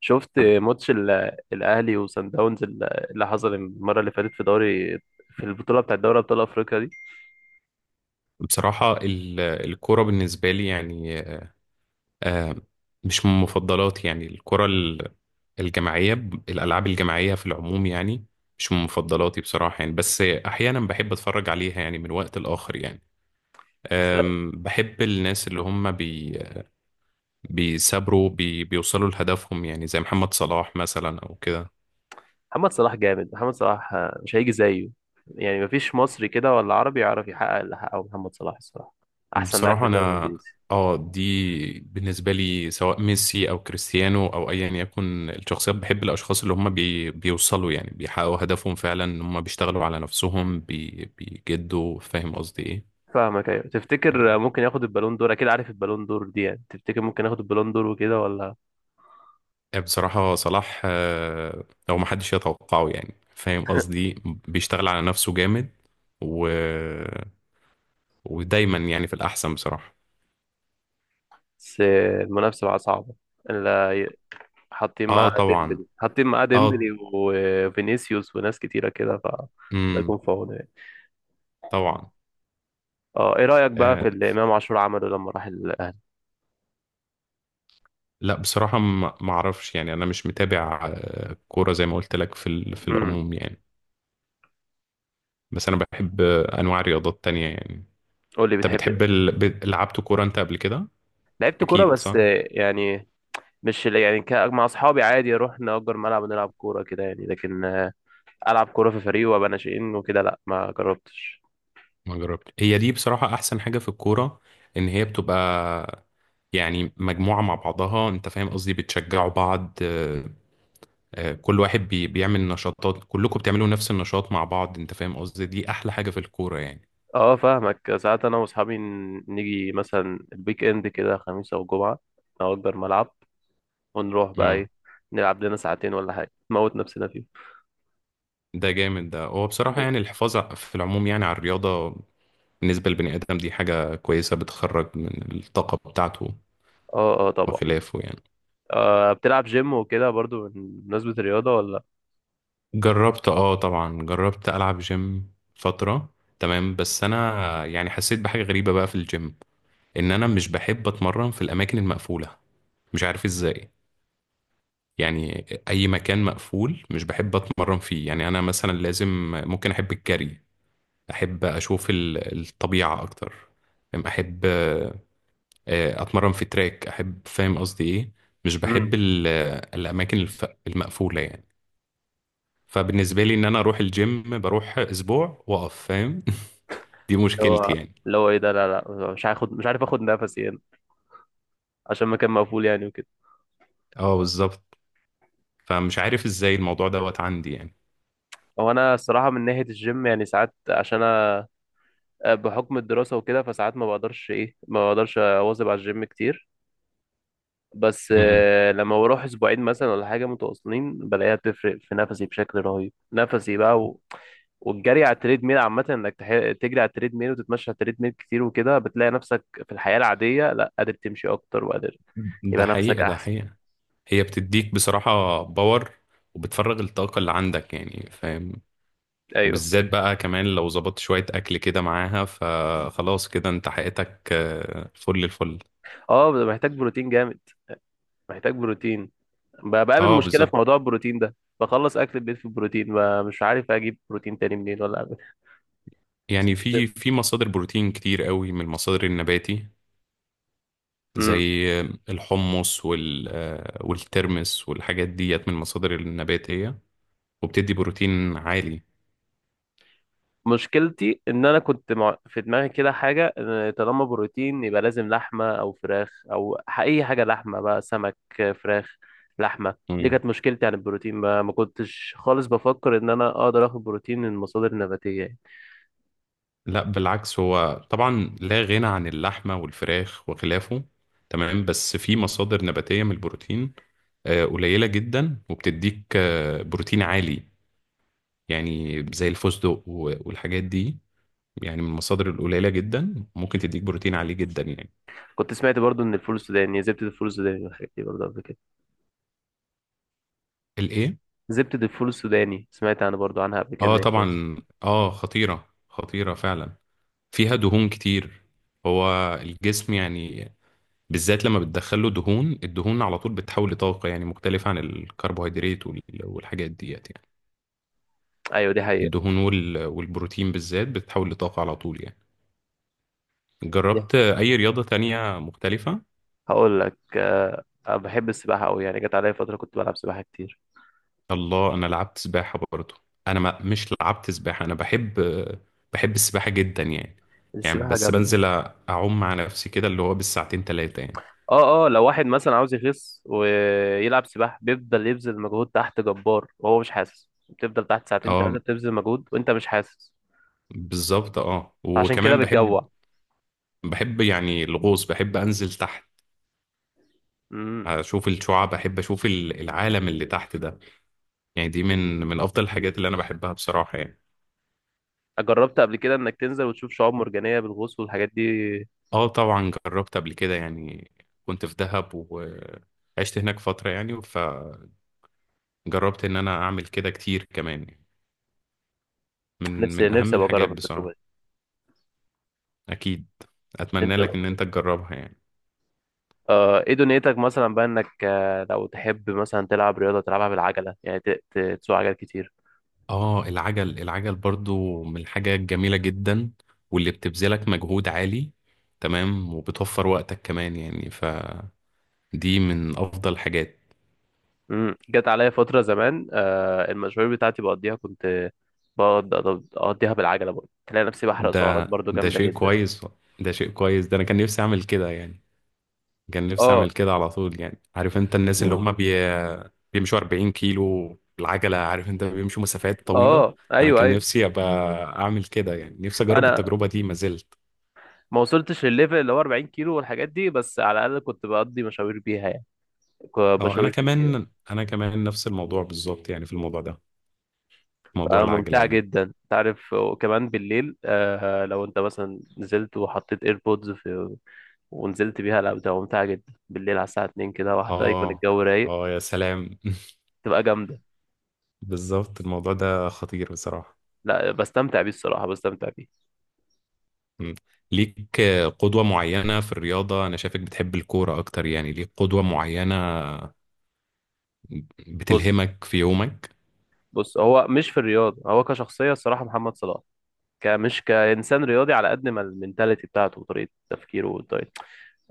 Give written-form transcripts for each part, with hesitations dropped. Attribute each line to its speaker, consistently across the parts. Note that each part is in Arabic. Speaker 1: شفت ماتش الاهلي وصن داونز اللي حصل المره اللي فاتت في البطوله بتاعت دوري ابطال افريقيا دي،
Speaker 2: بصراحة الكرة بالنسبة لي يعني آه، مش من مفضلاتي يعني الجماعية. الألعاب الجماعية في العموم يعني مش من مفضلاتي بصراحة يعني، بس أحيانا بحب أتفرج عليها يعني من وقت لآخر يعني.
Speaker 1: بس.
Speaker 2: بحب الناس اللي هم بيثابروا بيوصلوا لهدفهم، يعني زي محمد صلاح مثلا أو كده.
Speaker 1: محمد صلاح جامد. محمد صلاح مش هيجي زيه، يعني مفيش مصري كده ولا عربي يعرف يحقق اللي حققه محمد صلاح. الصراحه احسن لاعب في
Speaker 2: بصراحة
Speaker 1: الدوري
Speaker 2: أنا
Speaker 1: الانجليزي.
Speaker 2: اه دي بالنسبة لي سواء ميسي أو كريستيانو أو أيا يكن الشخصيات، بحب الأشخاص اللي هم بي بيوصلوا، يعني بيحققوا هدفهم فعلا، إن هم بيشتغلوا على نفسهم بي بيجدوا، فاهم قصدي إيه؟
Speaker 1: فاهمك، ايوه.
Speaker 2: يعني
Speaker 1: تفتكر ممكن ياخد البالون دور؟ اكيد عارف البالون دور دي. يعني تفتكر ممكن ياخد البالون دور وكده ولا؟
Speaker 2: بصراحة صلاح، هو ما حدش يتوقعه يعني، فاهم قصدي إيه؟ بيشتغل على نفسه جامد و... ودايما يعني في الأحسن بصراحة.
Speaker 1: بس المنافسه بقى صعبه،
Speaker 2: اه طبعا،
Speaker 1: حاطين معاه
Speaker 2: اه،
Speaker 1: ديمبلي وفينيسيوس وناس كتيرة كده. الله
Speaker 2: امم،
Speaker 1: يكون في عونه يعني.
Speaker 2: طبعا.
Speaker 1: اه، ايه رأيك بقى في
Speaker 2: آه،
Speaker 1: اللي امام عاشور عمله لما راح الاهلي؟
Speaker 2: لا بصراحة ما اعرفش يعني، انا مش متابع كورة زي ما قلت لك في
Speaker 1: امم
Speaker 2: العموم يعني. بس انا بحب انواع رياضات تانية يعني.
Speaker 1: قول لي،
Speaker 2: انت
Speaker 1: بتحب.
Speaker 2: بتحب لعبت كورة انت قبل كده؟
Speaker 1: لعبت كورة،
Speaker 2: اكيد
Speaker 1: بس
Speaker 2: صح.
Speaker 1: يعني مش يعني مع اصحابي، عادي اروح نأجر ملعب ونلعب كورة كده يعني، لكن العب كورة في فريق وابقى ناشئين وكده، لا ما جربتش.
Speaker 2: ما جربت، هي دي بصراحة احسن حاجة في الكورة، ان هي بتبقى يعني مجموعة مع بعضها، انت فاهم قصدي، بتشجعوا بعض، كل واحد بيعمل نشاطات، كلكم بتعملوا نفس النشاط مع بعض، انت فاهم قصدي؟ دي احلى حاجة في الكورة يعني.
Speaker 1: اه، فاهمك. ساعات انا واصحابي نيجي مثلا الويك اند كده، خميس او جمعة، نأجر ملعب ونروح بقى ايه، نلعب لنا ساعتين ولا حاجة، نموت نفسنا فيه.
Speaker 2: ده جامد، ده هو بصراحة يعني
Speaker 1: بس.
Speaker 2: الحفاظ في العموم يعني على الرياضة بالنسبة للبني آدم، دي حاجة كويسة، بتخرج من الطاقة بتاعته
Speaker 1: اه اه، طبعا.
Speaker 2: وخلافه يعني.
Speaker 1: بتلعب جيم وكده برضو، بمناسبة الرياضة، ولا؟
Speaker 2: جربت اه، طبعا جربت ألعب جيم فترة، تمام، بس أنا يعني حسيت بحاجة غريبة بقى في الجيم، إن أنا مش بحب أتمرن في الأماكن المقفولة، مش عارف إزاي. يعني أي مكان مقفول مش بحب أتمرن فيه، يعني أنا مثلا لازم ممكن أحب الجري، أحب أشوف الطبيعة أكتر، أحب اتمرن في تراك، احب، فاهم قصدي ايه؟ مش بحب
Speaker 1: امم
Speaker 2: الاماكن المقفوله يعني. فبالنسبه لي ان انا اروح الجيم، بروح اسبوع واقف، فاهم؟ دي
Speaker 1: اللي
Speaker 2: مشكلتي
Speaker 1: هو
Speaker 2: يعني.
Speaker 1: اللي هو ايه ده؟ لا لا، مش عارف اخد نفسي هنا، عشان مكان مقفول يعني وكده.
Speaker 2: اه بالظبط، فمش عارف ازاي الموضوع دوت عندي يعني.
Speaker 1: هو انا الصراحة من ناحية الجيم يعني ساعات، عشان انا بحكم الدراسة وكده، فساعات ما بقدرش اواظب على الجيم كتير. بس
Speaker 2: مم.
Speaker 1: لما بروح اسبوعين مثلا ولا حاجه متواصلين، بلاقيها بتفرق في نفسي بشكل رهيب، نفسي بقى والجري على التريد ميل عامه، انك تجري على التريد ميل وتتمشى على التريد ميل كتير وكده، بتلاقي نفسك في الحياه العاديه لا قادر تمشي اكتر، وقادر،
Speaker 2: ده
Speaker 1: يبقى نفسك
Speaker 2: حقيقه، ده
Speaker 1: احسن.
Speaker 2: حقيقه. هي بتديك بصراحه باور، وبتفرغ الطاقه اللي عندك يعني، فاهم؟
Speaker 1: ايوه.
Speaker 2: وبالذات بقى كمان لو ظبطت شويه اكل كده معاها، فخلاص كده انت حقيقتك فل الفل.
Speaker 1: اه، محتاج بروتين جامد. محتاج بروتين بقابل
Speaker 2: اه
Speaker 1: مشكله في موضوع
Speaker 2: بالظبط.
Speaker 1: البروتين ده. بخلص اكل البيت في البروتين، مش عارف اجيب بروتين تاني منين ولا اعمل.
Speaker 2: يعني في في مصادر بروتين كتير قوي من المصادر النباتي،
Speaker 1: جيم.
Speaker 2: زي الحمص والترمس والحاجات ديت، من المصادر النباتية وبتدي بروتين عالي.
Speaker 1: مشكلتي ان انا في دماغي كده حاجه، إن طالما بروتين يبقى لازم لحمه او فراخ او اي حاجه لحمه بقى، سمك، فراخ، لحمه. دي
Speaker 2: مم.
Speaker 1: كانت مشكلتي عن البروتين بقى، ما كنتش خالص بفكر ان انا اقدر اخد بروتين من مصادر نباتيه يعني.
Speaker 2: لا بالعكس، هو طبعا لا غنى عن اللحمة والفراخ وخلافه، تمام، بس في مصادر نباتية من البروتين قليلة جدا، وبتديك بروتين عالي يعني، زي الفستق والحاجات دي يعني، من المصادر القليلة جدا ممكن تديك بروتين عالي جدا يعني.
Speaker 1: كنت سمعت برضو ان الفول السوداني زبده الفول السوداني والحاجات دي برضو قبل كده.
Speaker 2: الايه؟
Speaker 1: زبده الفول السوداني سمعت انا برضو عنها قبل كده ان
Speaker 2: اه
Speaker 1: هي كويسه.
Speaker 2: طبعا. اه خطيرة، خطيرة فعلا، فيها دهون كتير. هو الجسم يعني بالذات لما بتدخله دهون، الدهون على طول بتتحول لطاقة يعني، مختلفة عن الكربوهيدرات والحاجات ديت يعني.
Speaker 1: ايوه، دي حقيقه.
Speaker 2: الدهون والبروتين بالذات بتتحول لطاقة على طول يعني.
Speaker 1: دي،
Speaker 2: جربت أي رياضة تانية مختلفة؟
Speaker 1: هقول لك، أنا بحب السباحه قوي يعني، جت عليا فتره كنت بلعب سباحه كتير.
Speaker 2: الله، أنا لعبت سباحة برضه. أنا ما مش لعبت سباحة، أنا بحب، بحب السباحة جدا يعني. يعني
Speaker 1: السباحه
Speaker 2: بس
Speaker 1: جامده.
Speaker 2: بنزل أعوم مع نفسي كده، اللي هو بالساعتين تلاتة يعني.
Speaker 1: اه اه، لو واحد مثلا عاوز يخس ويلعب سباحة، بيفضل يبذل مجهود تحت جبار وهو مش حاسس، بتفضل تحت ساعتين ثلاثة
Speaker 2: اه
Speaker 1: بتبذل مجهود وانت مش حاسس.
Speaker 2: بالظبط. اه
Speaker 1: عشان كده
Speaker 2: وكمان بحب،
Speaker 1: بتجوع.
Speaker 2: يعني الغوص، بحب انزل تحت،
Speaker 1: امم
Speaker 2: اشوف الشعاب، بحب اشوف العالم اللي تحت ده يعني. دي من افضل الحاجات اللي انا بحبها بصراحة يعني.
Speaker 1: جربت قبل كده انك تنزل وتشوف شعاب مرجانية بالغوص والحاجات دي؟
Speaker 2: اه طبعا جربت قبل كده يعني، كنت في دهب وعشت هناك فترة، يعني فجربت ان انا اعمل كده كتير كمان يعني. من
Speaker 1: نفسي
Speaker 2: من اهم
Speaker 1: نفسي ابقى
Speaker 2: الحاجات
Speaker 1: اجرب التجربة دي.
Speaker 2: بصراحة. اكيد، اتمنى
Speaker 1: نفسي
Speaker 2: لك
Speaker 1: ابقى
Speaker 2: ان
Speaker 1: أجرب.
Speaker 2: انت تجربها يعني.
Speaker 1: ايه دنيتك مثلا بقى انك لو تحب مثلا تلعب رياضة تلعبها بالعجلة يعني، تسوق عجل كتير؟
Speaker 2: اه العجل، العجل برضو من الحاجة الجميلة جدا، واللي بتبذلك مجهود عالي، تمام، وبتوفر وقتك كمان يعني، فدي من أفضل الحاجات.
Speaker 1: جت عليا فترة زمان المشاوير بتاعتي بقضيها، كنت بقعد أقضيها بالعجلة برضه، تلاقي نفسي بحرق سعرات
Speaker 2: ده،
Speaker 1: برضه
Speaker 2: ده
Speaker 1: جامدة
Speaker 2: شيء
Speaker 1: جدا.
Speaker 2: كويس، ده شيء كويس، ده أنا كان نفسي أعمل كده يعني، كان نفسي
Speaker 1: اه
Speaker 2: أعمل كده على طول يعني، عارف أنت الناس اللي هم بيمشوا 40 كيلو بالعجلة، عارف أنت بيمشوا مسافات طويلة.
Speaker 1: اه،
Speaker 2: أنا
Speaker 1: ايوه
Speaker 2: كان
Speaker 1: ايوه.
Speaker 2: نفسي أبقى أعمل كده يعني، نفسي أجرب
Speaker 1: انا
Speaker 2: التجربة دي ما زلت.
Speaker 1: ما وصلتش للليفل اللي هو 40 كيلو والحاجات دي، بس على الاقل كنت بقضي مشاوير بيها يعني،
Speaker 2: اه، أنا
Speaker 1: مشاوير كتير.
Speaker 2: كمان، أنا كمان نفس الموضوع بالظبط يعني في الموضوع ده، موضوع العجلة
Speaker 1: فممتعة
Speaker 2: يعني.
Speaker 1: جدا انت عارف. وكمان بالليل لو انت مثلا نزلت وحطيت ايربودز ونزلت بيها، لا بتبقى ممتعة جدا بالليل على الساعة 2 كده واحدة، يكون
Speaker 2: اه
Speaker 1: الجو رايق،
Speaker 2: اه، يا سلام.
Speaker 1: تبقى جامدة.
Speaker 2: بالظبط، الموضوع ده خطير بصراحة.
Speaker 1: لا بستمتع بيه الصراحة، بستمتع بيه.
Speaker 2: مم. ليك قدوة معينة في الرياضة؟ أنا شايفك بتحب الكورة أكتر يعني. ليك قدوة معينة
Speaker 1: بص
Speaker 2: بتلهمك في يومك؟
Speaker 1: بص، هو مش في الرياضة، هو كشخصية الصراحة محمد صلاح. مش كإنسان رياضي، على قد ما المنتاليتي بتاعته وطريقة تفكيره والطريقة،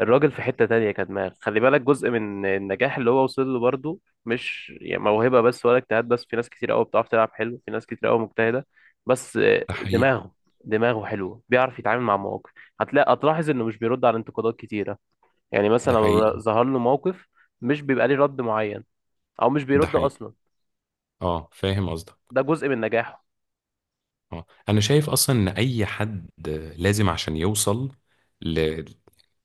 Speaker 1: الراجل في حتة تانية كدماغ. خلي بالك جزء من النجاح اللي هو وصل له برضه، مش يعني موهبة بس ولا اجتهاد بس. في ناس كتير قوي بتعرف تلعب حلو، في ناس كتير قوي مجتهدة بس.
Speaker 2: ده حقيقي.
Speaker 1: دماغه دماغه حلوة، بيعرف يتعامل مع مواقف. هتلاحظ انه مش بيرد على انتقادات كتيرة. يعني مثلا
Speaker 2: ده حقيقي.
Speaker 1: لو ظهر له موقف، مش بيبقى ليه رد معين، او مش
Speaker 2: ده
Speaker 1: بيرد
Speaker 2: حقيقي.
Speaker 1: اصلا.
Speaker 2: اه فاهم قصدك.
Speaker 1: ده جزء من نجاحه.
Speaker 2: اه أنا شايف أصلا إن أي حد لازم عشان يوصل ل...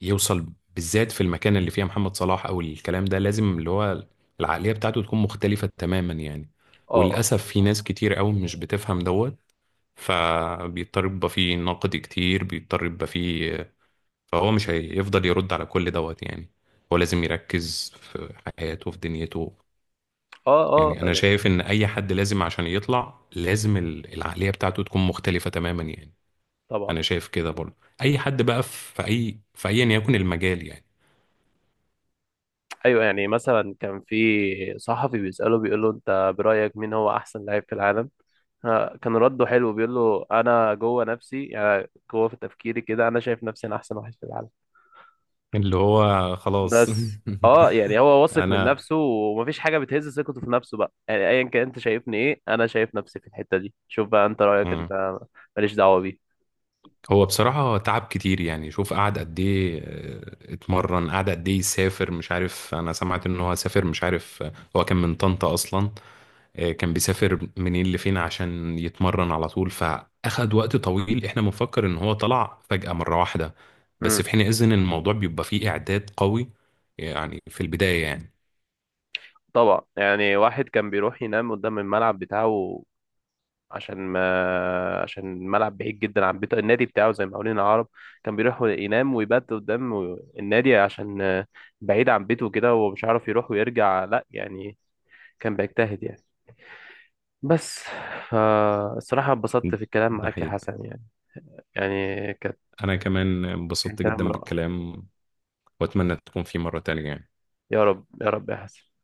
Speaker 2: يوصل بالذات في المكان اللي فيها محمد صلاح او الكلام ده، لازم اللي هو العقلية بتاعته تكون مختلفة تماما يعني.
Speaker 1: اه، آه.
Speaker 2: وللأسف في ناس كتير قوي مش بتفهم دوت، فبيضطر يبقى فيه نقد كتير، بيضطر يبقى فيه، فهو مش هيفضل يرد على كل دوت يعني، هو لازم يركز في حياته في دنيته
Speaker 1: اه اه،
Speaker 2: يعني. أنا
Speaker 1: يعني.
Speaker 2: شايف إن أي حد لازم عشان يطلع، لازم العقلية بتاعته تكون مختلفة تماما يعني.
Speaker 1: طبعا.
Speaker 2: أنا شايف كده برضه، أي حد بقى في أي في أيا يكن المجال يعني.
Speaker 1: ايوه، يعني مثلا كان في صحفي بيسأله، بيقول له انت برأيك مين هو احسن لاعب في العالم. كان رده حلو، بيقول له انا جوه نفسي يعني، جوه في تفكيري كده انا شايف نفسي انا احسن واحد في العالم.
Speaker 2: اللي هو خلاص.
Speaker 1: بس اه، يعني هو واثق من
Speaker 2: انا،
Speaker 1: نفسه ومفيش حاجة بتهز ثقته في نفسه بقى. يعني ايا كان انت شايفني ايه، انا شايف نفسي في الحتة دي. شوف بقى انت رأيك
Speaker 2: مم.
Speaker 1: انت، ماليش دعوة بيه.
Speaker 2: هو بصراحة تعب كتير يعني، شوف قعد قد ايه اتمرن، قعد قد ايه يسافر، مش عارف، انا سمعت ان هو سافر، مش عارف، هو كان من طنطا اصلا، كان بيسافر منين لفين عشان يتمرن على طول، فاخد وقت طويل، احنا بنفكر ان هو طلع فجأة مرة واحدة، بس
Speaker 1: امم
Speaker 2: في حين اذن الموضوع بيبقى فيه اعداد قوي يعني في البداية يعني.
Speaker 1: طبعا. يعني واحد كان بيروح ينام قدام الملعب بتاعه، عشان ما عشان الملعب بعيد جدا عن بيته، النادي بتاعه زي ما قولنا. العرب كان بيروح ينام ويبات قدام النادي عشان بعيد عن بيته كده ومش عارف يروح ويرجع لا يعني. كان بيجتهد يعني. بس. فالصراحة اتبسطت في الكلام
Speaker 2: ده
Speaker 1: معاك يا
Speaker 2: حقيقي.
Speaker 1: حسن يعني كانت
Speaker 2: انا كمان
Speaker 1: كان
Speaker 2: انبسطت
Speaker 1: كلام
Speaker 2: جدا
Speaker 1: رائع.
Speaker 2: بالكلام، واتمنى تكون في مرة تانية يعني.
Speaker 1: يا رب، يا رب يا حسن.